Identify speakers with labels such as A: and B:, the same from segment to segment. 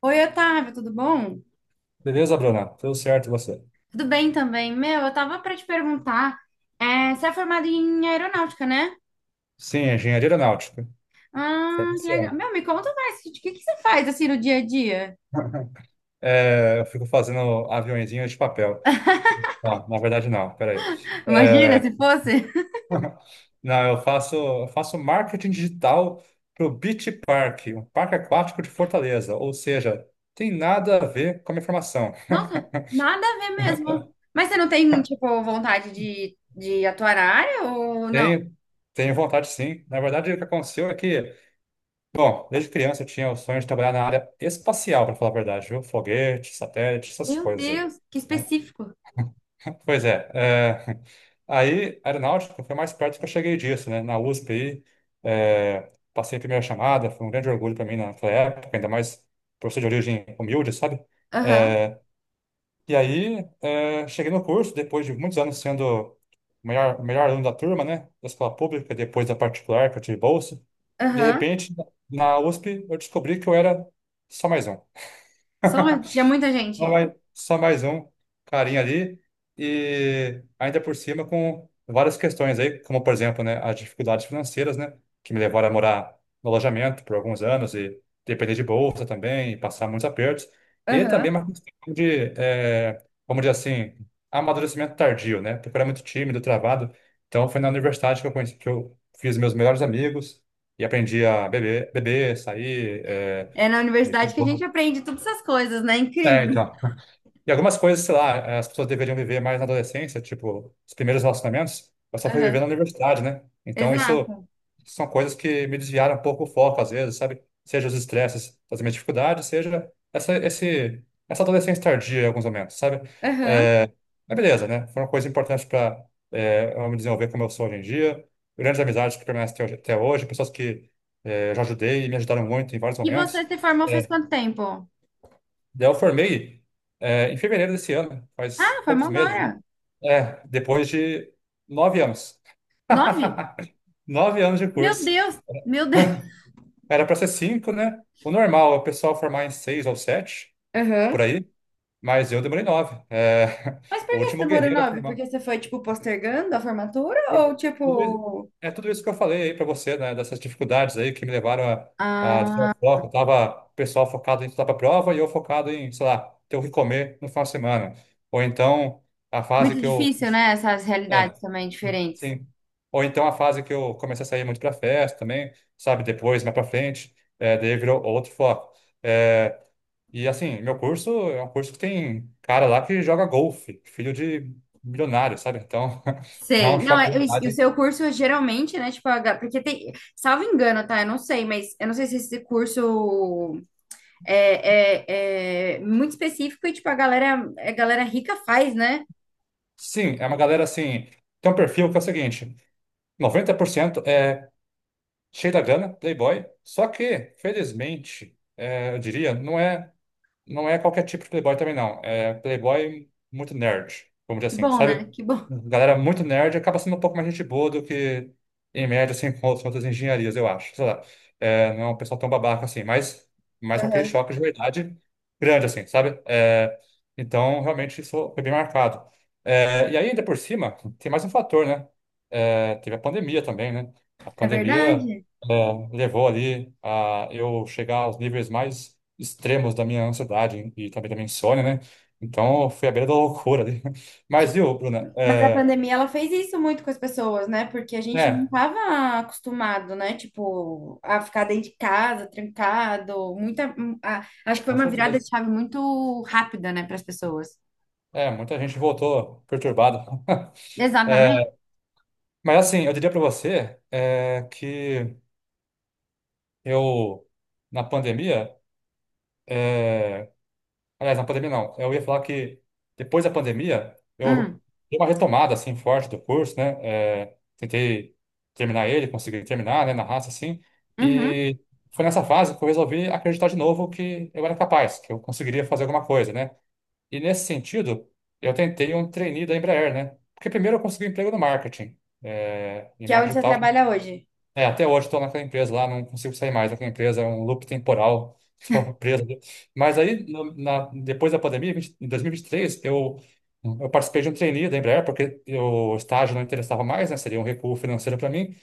A: Oi, Otávio, tudo bom?
B: Beleza, Bruna? Tudo certo e você?
A: Tudo bem também. Meu, eu tava pra te perguntar, você é formado em aeronáutica, né?
B: Sim, engenharia aeronáutica.
A: Ah, que legal.
B: Formação.
A: Meu, me conta mais, o que, que você faz assim no dia a dia?
B: É, eu fico fazendo aviõezinhos de papel. Ah, na verdade, não, peraí.
A: Imagina se
B: É,
A: fosse.
B: não, eu faço marketing digital para o Beach Park, um parque aquático de Fortaleza. Ou seja, tem nada a ver com a minha formação.
A: Nossa, nada a ver mesmo. Mas você não tem, tipo, vontade de atuar na área ou não?
B: Tenho, tenho vontade, sim. Na verdade, o que aconteceu bom, desde criança eu tinha o sonho de trabalhar na área espacial, para falar a verdade, viu? Foguete, satélite, essas
A: Meu
B: coisas aí.
A: Deus, que
B: Né?
A: específico.
B: Pois é, é, aí aeronáutica foi mais perto que eu cheguei disso, né? Na USP aí, passei a primeira chamada, foi um grande orgulho para mim naquela época, ainda mais professor de origem humilde, sabe?
A: Aham,
B: É, e aí cheguei no curso, depois de muitos anos sendo o o melhor aluno da turma, né? Da escola pública, depois da particular, que eu tive bolsa. E de
A: aham.
B: repente, na USP, eu descobri que eu era só mais um.
A: Só tinha muita
B: Só
A: gente.
B: mais, só mais um carinha ali. E ainda por cima com várias questões aí, como por exemplo, né, as dificuldades financeiras, né, que me levaram a morar no alojamento por alguns anos e depender de bolsa também, e passar muitos apertos. E também
A: Aham.
B: uma questão de, vamos dizer assim, amadurecimento tardio, né, porque eu era muito tímido, travado. Então foi na universidade que eu fiz meus melhores amigos e aprendi a beber, beber, sair.
A: É na
B: E-
A: universidade que a gente aprende todas essas coisas, né?
B: É,
A: Incrível.
B: então. E algumas coisas, sei lá, as pessoas deveriam viver mais na adolescência, tipo, os primeiros relacionamentos, eu só fui viver
A: Aham,
B: na universidade, né? Então, isso
A: exato.
B: são coisas que me desviaram um pouco o foco, às vezes, sabe? Seja os estresses das minhas dificuldades, seja essa adolescência tardia em alguns momentos, sabe?
A: Aham.
B: Mas beleza, né? Foram coisas importantes para eu me desenvolver como eu sou hoje em dia, grandes amizades que permanecem até hoje, pessoas que eu já ajudei e me ajudaram muito em vários
A: E você
B: momentos.
A: se formou faz
B: É,
A: quanto tempo?
B: Daí eu formei em fevereiro desse ano,
A: Ah,
B: faz
A: formou
B: poucos meses, né?
A: agora.
B: É, depois de nove anos.
A: Nove?
B: Nove anos de
A: Meu
B: curso.
A: Deus, meu Deus.
B: Era para ser cinco, né? O normal é o pessoal formar em seis ou sete, por
A: Aham.
B: aí. Mas eu demorei nove. É,
A: Mas
B: o
A: por que você
B: último
A: demorou
B: guerreiro a
A: nove?
B: formar.
A: Porque você foi, tipo, postergando a formatura?
B: Por
A: Ou,
B: tudo isso-
A: tipo.
B: É tudo isso que eu falei aí para você, né? Dessas dificuldades aí que me levaram a desviar o
A: Ah,
B: foco. Tava o pessoal focado em estudar para prova e eu focado em, sei lá, ter o que comer no final de semana. Ou então a fase
A: muito
B: que eu.
A: difícil, né? Essas
B: É,
A: realidades também diferentes.
B: sim. Ou então a fase que eu comecei a sair muito para festa também, sabe? Depois, mais para frente, daí virou outro foco. É, e assim, meu curso é um curso que tem cara lá que joga golfe, filho de milionário, sabe? Então, é
A: Sei.
B: um
A: Não,
B: choque de
A: e o
B: realidade.
A: seu curso geralmente, né? Tipo, porque tem, salvo engano, tá? Eu não sei, mas eu não sei se esse curso é muito específico e, tipo, a galera rica faz, né?
B: Sim, é uma galera assim. Tem um perfil que é o seguinte: 90% é cheio da grana, playboy, só que, felizmente, eu diria, não é. Não é qualquer tipo de playboy também, não. É playboy muito nerd, vamos
A: Que
B: dizer assim,
A: bom,
B: sabe?
A: né? Que bom.
B: Galera muito nerd acaba sendo um pouco mais gente boa do que, em média, assim com as outras engenharias, eu acho. Sei lá. É, não é um pessoal tão babaca assim, mas com aquele choque de verdade grande, assim, sabe? É, então, realmente, isso foi bem marcado. É, e aí, ainda por cima, tem mais um fator, né? É, teve a pandemia também, né? A
A: É
B: pandemia,
A: verdade?
B: é, levou ali a eu chegar aos níveis mais extremos da minha ansiedade e também da minha insônia, né? Então, foi à beira da loucura ali. Mas, viu, Bruna?
A: Mas a pandemia, ela fez isso muito com as pessoas, né? Porque a gente não
B: É,
A: estava acostumado, né? Tipo, a ficar dentro de casa, trancado. Acho que foi
B: com
A: uma virada
B: certeza.
A: de chave muito rápida, né, para as pessoas.
B: É, muita gente voltou perturbada.
A: Exatamente.
B: É, mas, assim, eu diria para você que eu, na pandemia, é, Aliás, na pandemia não. Eu ia falar que depois da pandemia, eu
A: Hum,
B: dei uma retomada assim forte do curso, né? É, tentei terminar ele, consegui terminar, né, na raça assim.
A: uhum.
B: E foi nessa fase que eu resolvi acreditar de novo que eu era capaz, que eu conseguiria fazer alguma coisa, né? E nesse sentido, eu tentei um trainee da Embraer, né? Porque primeiro eu consegui um emprego no marketing, em
A: Que é onde
B: marketing
A: você
B: digital,
A: trabalha hoje.
B: é, até hoje estou naquela empresa lá, não consigo sair mais daquela empresa, é um loop temporal, estou preso ali. Mas aí, depois da pandemia, 20 em 2023, eu participei de um trainee da Embraer, porque o estágio não interessava mais, né? Seria um recuo financeiro para mim.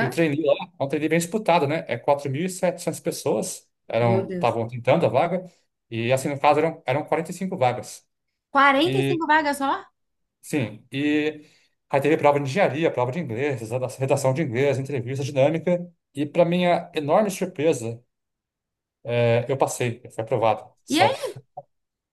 B: E o trainee lá é um trainee bem disputado, né? É 4.700 pessoas
A: Meu
B: eram
A: Deus.
B: estavam tentando a vaga, e assim, no caso, eram 45 vagas.
A: 45 vagas só?
B: Sim, e aí teve prova de engenharia, prova de inglês, redação de inglês, entrevista dinâmica, e para minha enorme surpresa, eu passei, eu fui aprovado,
A: E
B: sabe?
A: aí?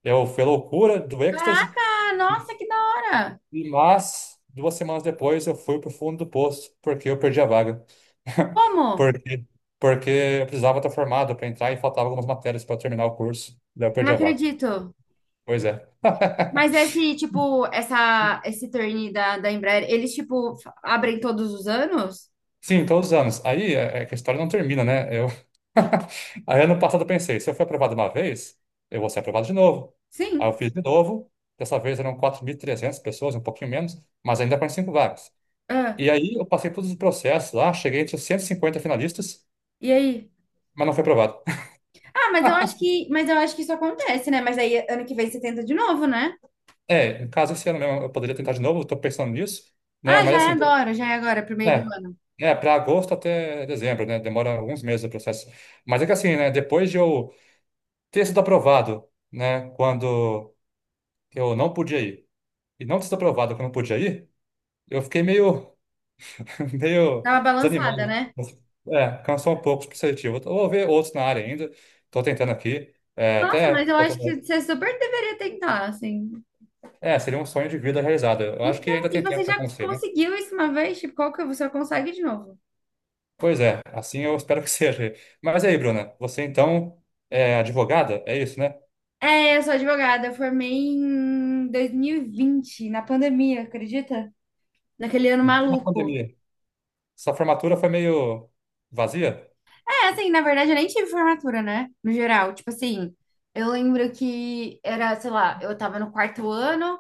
B: Eu fui a loucura do êxtase,
A: Caraca, nossa, que da hora!
B: mas duas semanas depois eu fui pro fundo do poço, porque eu perdi a vaga.
A: Como?
B: Porque, porque eu precisava estar formado para entrar e faltava algumas matérias para terminar o curso, daí eu perdi
A: Não
B: a vaga.
A: acredito.
B: Pois é.
A: Mas esse, tipo, essa, esse turn da Embraer, eles, tipo, abrem todos os anos?
B: Sim, todos os anos. Aí é que a história não termina, né? Eu... Aí ano passado eu pensei, se eu fui aprovado uma vez, eu vou ser aprovado de novo. Aí eu
A: Sim.
B: fiz de novo, dessa vez eram 4.300 pessoas, um pouquinho menos, mas ainda 45 vagas.
A: Ah,
B: E aí eu passei todos os processos lá, cheguei entre os 150 finalistas,
A: e aí?
B: mas não fui aprovado.
A: Ah, mas eu acho que isso acontece, né? Mas aí ano que vem você tenta de novo, né?
B: É, no caso esse ano mesmo eu poderia tentar de novo, estou pensando nisso, né?
A: Ah,
B: Mas assim,
A: já é agora, pro meio do
B: é,
A: ano.
B: é para agosto até dezembro, né? Demora alguns meses o processo. Mas é que assim, né? Depois de eu ter sido aprovado, né, quando eu não podia ir, e não ter sido aprovado quando eu podia ir, eu fiquei meio, meio
A: Dá uma balançada,
B: desanimado.
A: né?
B: É, cansou um pouco pro seletivo. Eu vou ver outros na área ainda, estou tentando aqui.
A: Nossa, mas eu
B: Tô
A: acho
B: tentando.
A: que você super deveria tentar, assim.
B: É, seria um sonho de vida realizado. Eu acho que
A: Então,
B: ainda
A: e
B: tem
A: você
B: tempo para
A: já
B: acontecer, né?
A: conseguiu isso uma vez? Tipo, qual que você consegue de novo?
B: Pois é, assim eu espero que seja. Mas aí, Bruna, você então é advogada? É isso, né?
A: É, eu sou advogada, eu formei em 2020 na pandemia, acredita? Naquele ano
B: Em plena
A: maluco.
B: pandemia. Sua formatura foi meio vazia?
A: É, assim, na verdade eu nem tive formatura, né? No geral, tipo assim, eu lembro que era, sei lá, eu tava no quarto ano,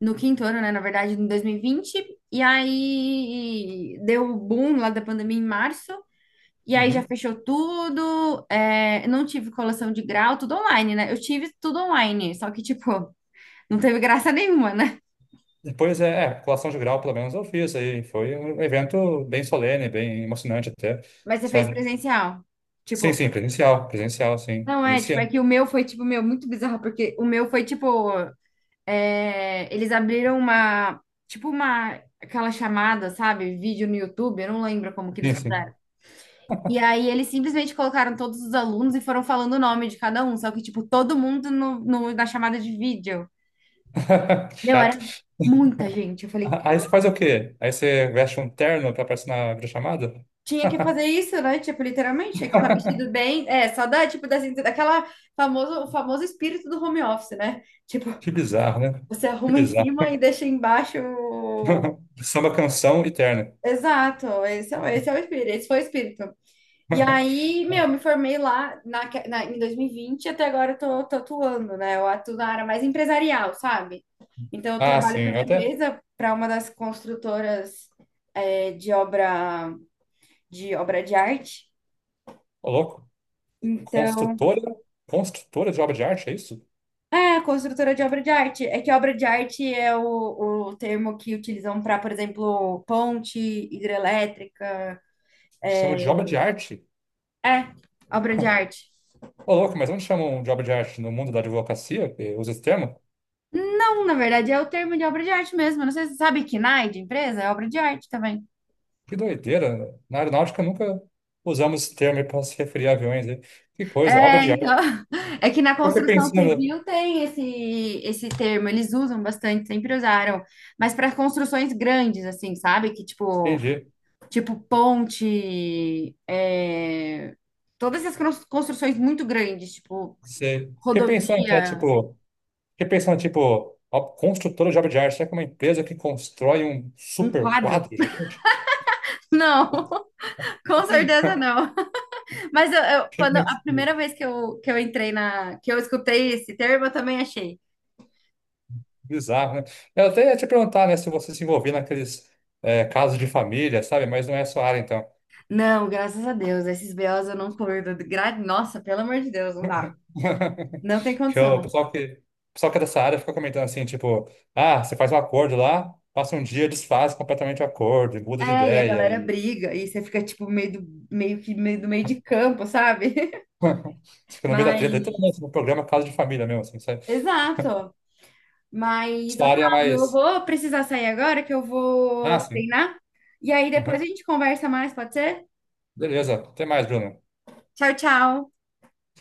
A: no quinto ano, né, na verdade, em 2020, e vinte, e aí deu o boom lá da pandemia em março, e aí já
B: Uhum.
A: fechou tudo, não tive colação de grau, tudo online, né? Eu tive tudo online, só que, tipo, não teve graça nenhuma, né?
B: Depois, é, é, colação de grau, pelo menos eu fiz aí. Foi um evento bem solene, bem emocionante até,
A: Mas você fez
B: sabe?
A: presencial.
B: Sim,
A: Tipo,
B: sim, presencial, presencial, sim.
A: não é,
B: Nesse
A: tipo, é
B: ano.
A: que o meu foi, tipo, meu, muito bizarro, porque o meu foi, tipo. É eles abriram uma, tipo uma, aquela chamada, sabe? Vídeo no YouTube, eu não lembro como que
B: Sim,
A: eles
B: sim.
A: fizeram. E aí eles simplesmente colocaram todos os alunos e foram falando o nome de cada um, só que, tipo, todo mundo na chamada de vídeo. Meu, era
B: Chato.
A: muita gente. Eu falei,
B: Aí você faz o quê? Aí você veste um terno pra aparecer na videochamada?
A: tinha que fazer isso, né? Tipo, literalmente, tinha que estar vestido bem. É, só da, tipo, da, daquela famoso, o famoso espírito do home office, né? Tipo,
B: Que bizarro, né?
A: você
B: Que
A: arruma em
B: bizarro.
A: cima e deixa embaixo o-
B: Samba canção e terno.
A: Exato, esse é o espírito, esse foi o espírito. E aí, meu, me formei lá em 2020 e vinte e até agora eu tô tatuando, né? Eu atuo na área mais empresarial, sabe? Então, eu
B: Ah,
A: trabalho para
B: sim, eu
A: uma
B: até.
A: empresa, para uma das construtoras de obra de obra de arte.
B: Ô, louco.
A: Então,
B: Construtora? Construtora de obra de arte, é isso?
A: construtora de obra de arte. É que obra de arte é o termo que utilizam para, por exemplo, ponte, hidrelétrica.
B: Chama de obra de arte?
A: É, obra de arte.
B: Ô, louco, mas onde chama um job de arte no mundo da advocacia? Que usa esse termo?
A: Não, na verdade, é o termo de obra de arte mesmo. Eu não sei se você sabe que KNAI de empresa é obra de arte também.
B: Que doideira. Na aeronáutica nunca usamos esse termo para se referir a aviões. Né? Que coisa, obra
A: É,
B: de
A: então,
B: arte.
A: é que na
B: Eu fiquei
A: construção
B: pensando,
A: civil tem esse termo, eles usam bastante, sempre usaram, mas para construções grandes, assim, sabe? Que tipo,
B: entendi.
A: tipo ponte, todas essas construções muito grandes, tipo
B: Sei. Fiquei pensando até,
A: rodovia,
B: tipo, fiquei pensando, tipo, a construtora de obra de arte, será que é uma empresa que constrói um
A: um
B: super
A: quadro.
B: quadro gigante?
A: Não, com certeza não. Mas
B: Que
A: quando a primeira vez que eu, entrei que eu escutei esse termo, eu também achei.
B: bizarro, né? Eu até ia te perguntar, né, se você se envolvia naqueles casos de família, sabe? Mas não é a sua área, então.
A: Não, graças a Deus. Esses BOs eu não curto. Nossa, pelo amor de Deus, não dá. Não tem
B: Que o
A: condição.
B: pessoal o pessoal que é dessa área fica comentando assim, tipo, ah, você faz um acordo lá, passa um dia, desfaz completamente o acordo, e muda de
A: E a
B: ideia,
A: galera
B: e
A: briga, e você fica, tipo, meio que meio do meio de campo, sabe?
B: você fica no meio da treta,
A: Mas,
B: literalmente, no programa Casa de Família mesmo, assim, sabe?
A: exato. Mas,
B: Sua área é
A: Otávio, eu
B: mais.
A: vou precisar sair agora, que eu
B: Ah,
A: vou
B: sim.
A: treinar. E aí depois
B: Uhum.
A: a gente conversa mais, pode ser?
B: Beleza, até mais, Bruno.
A: Tchau, tchau.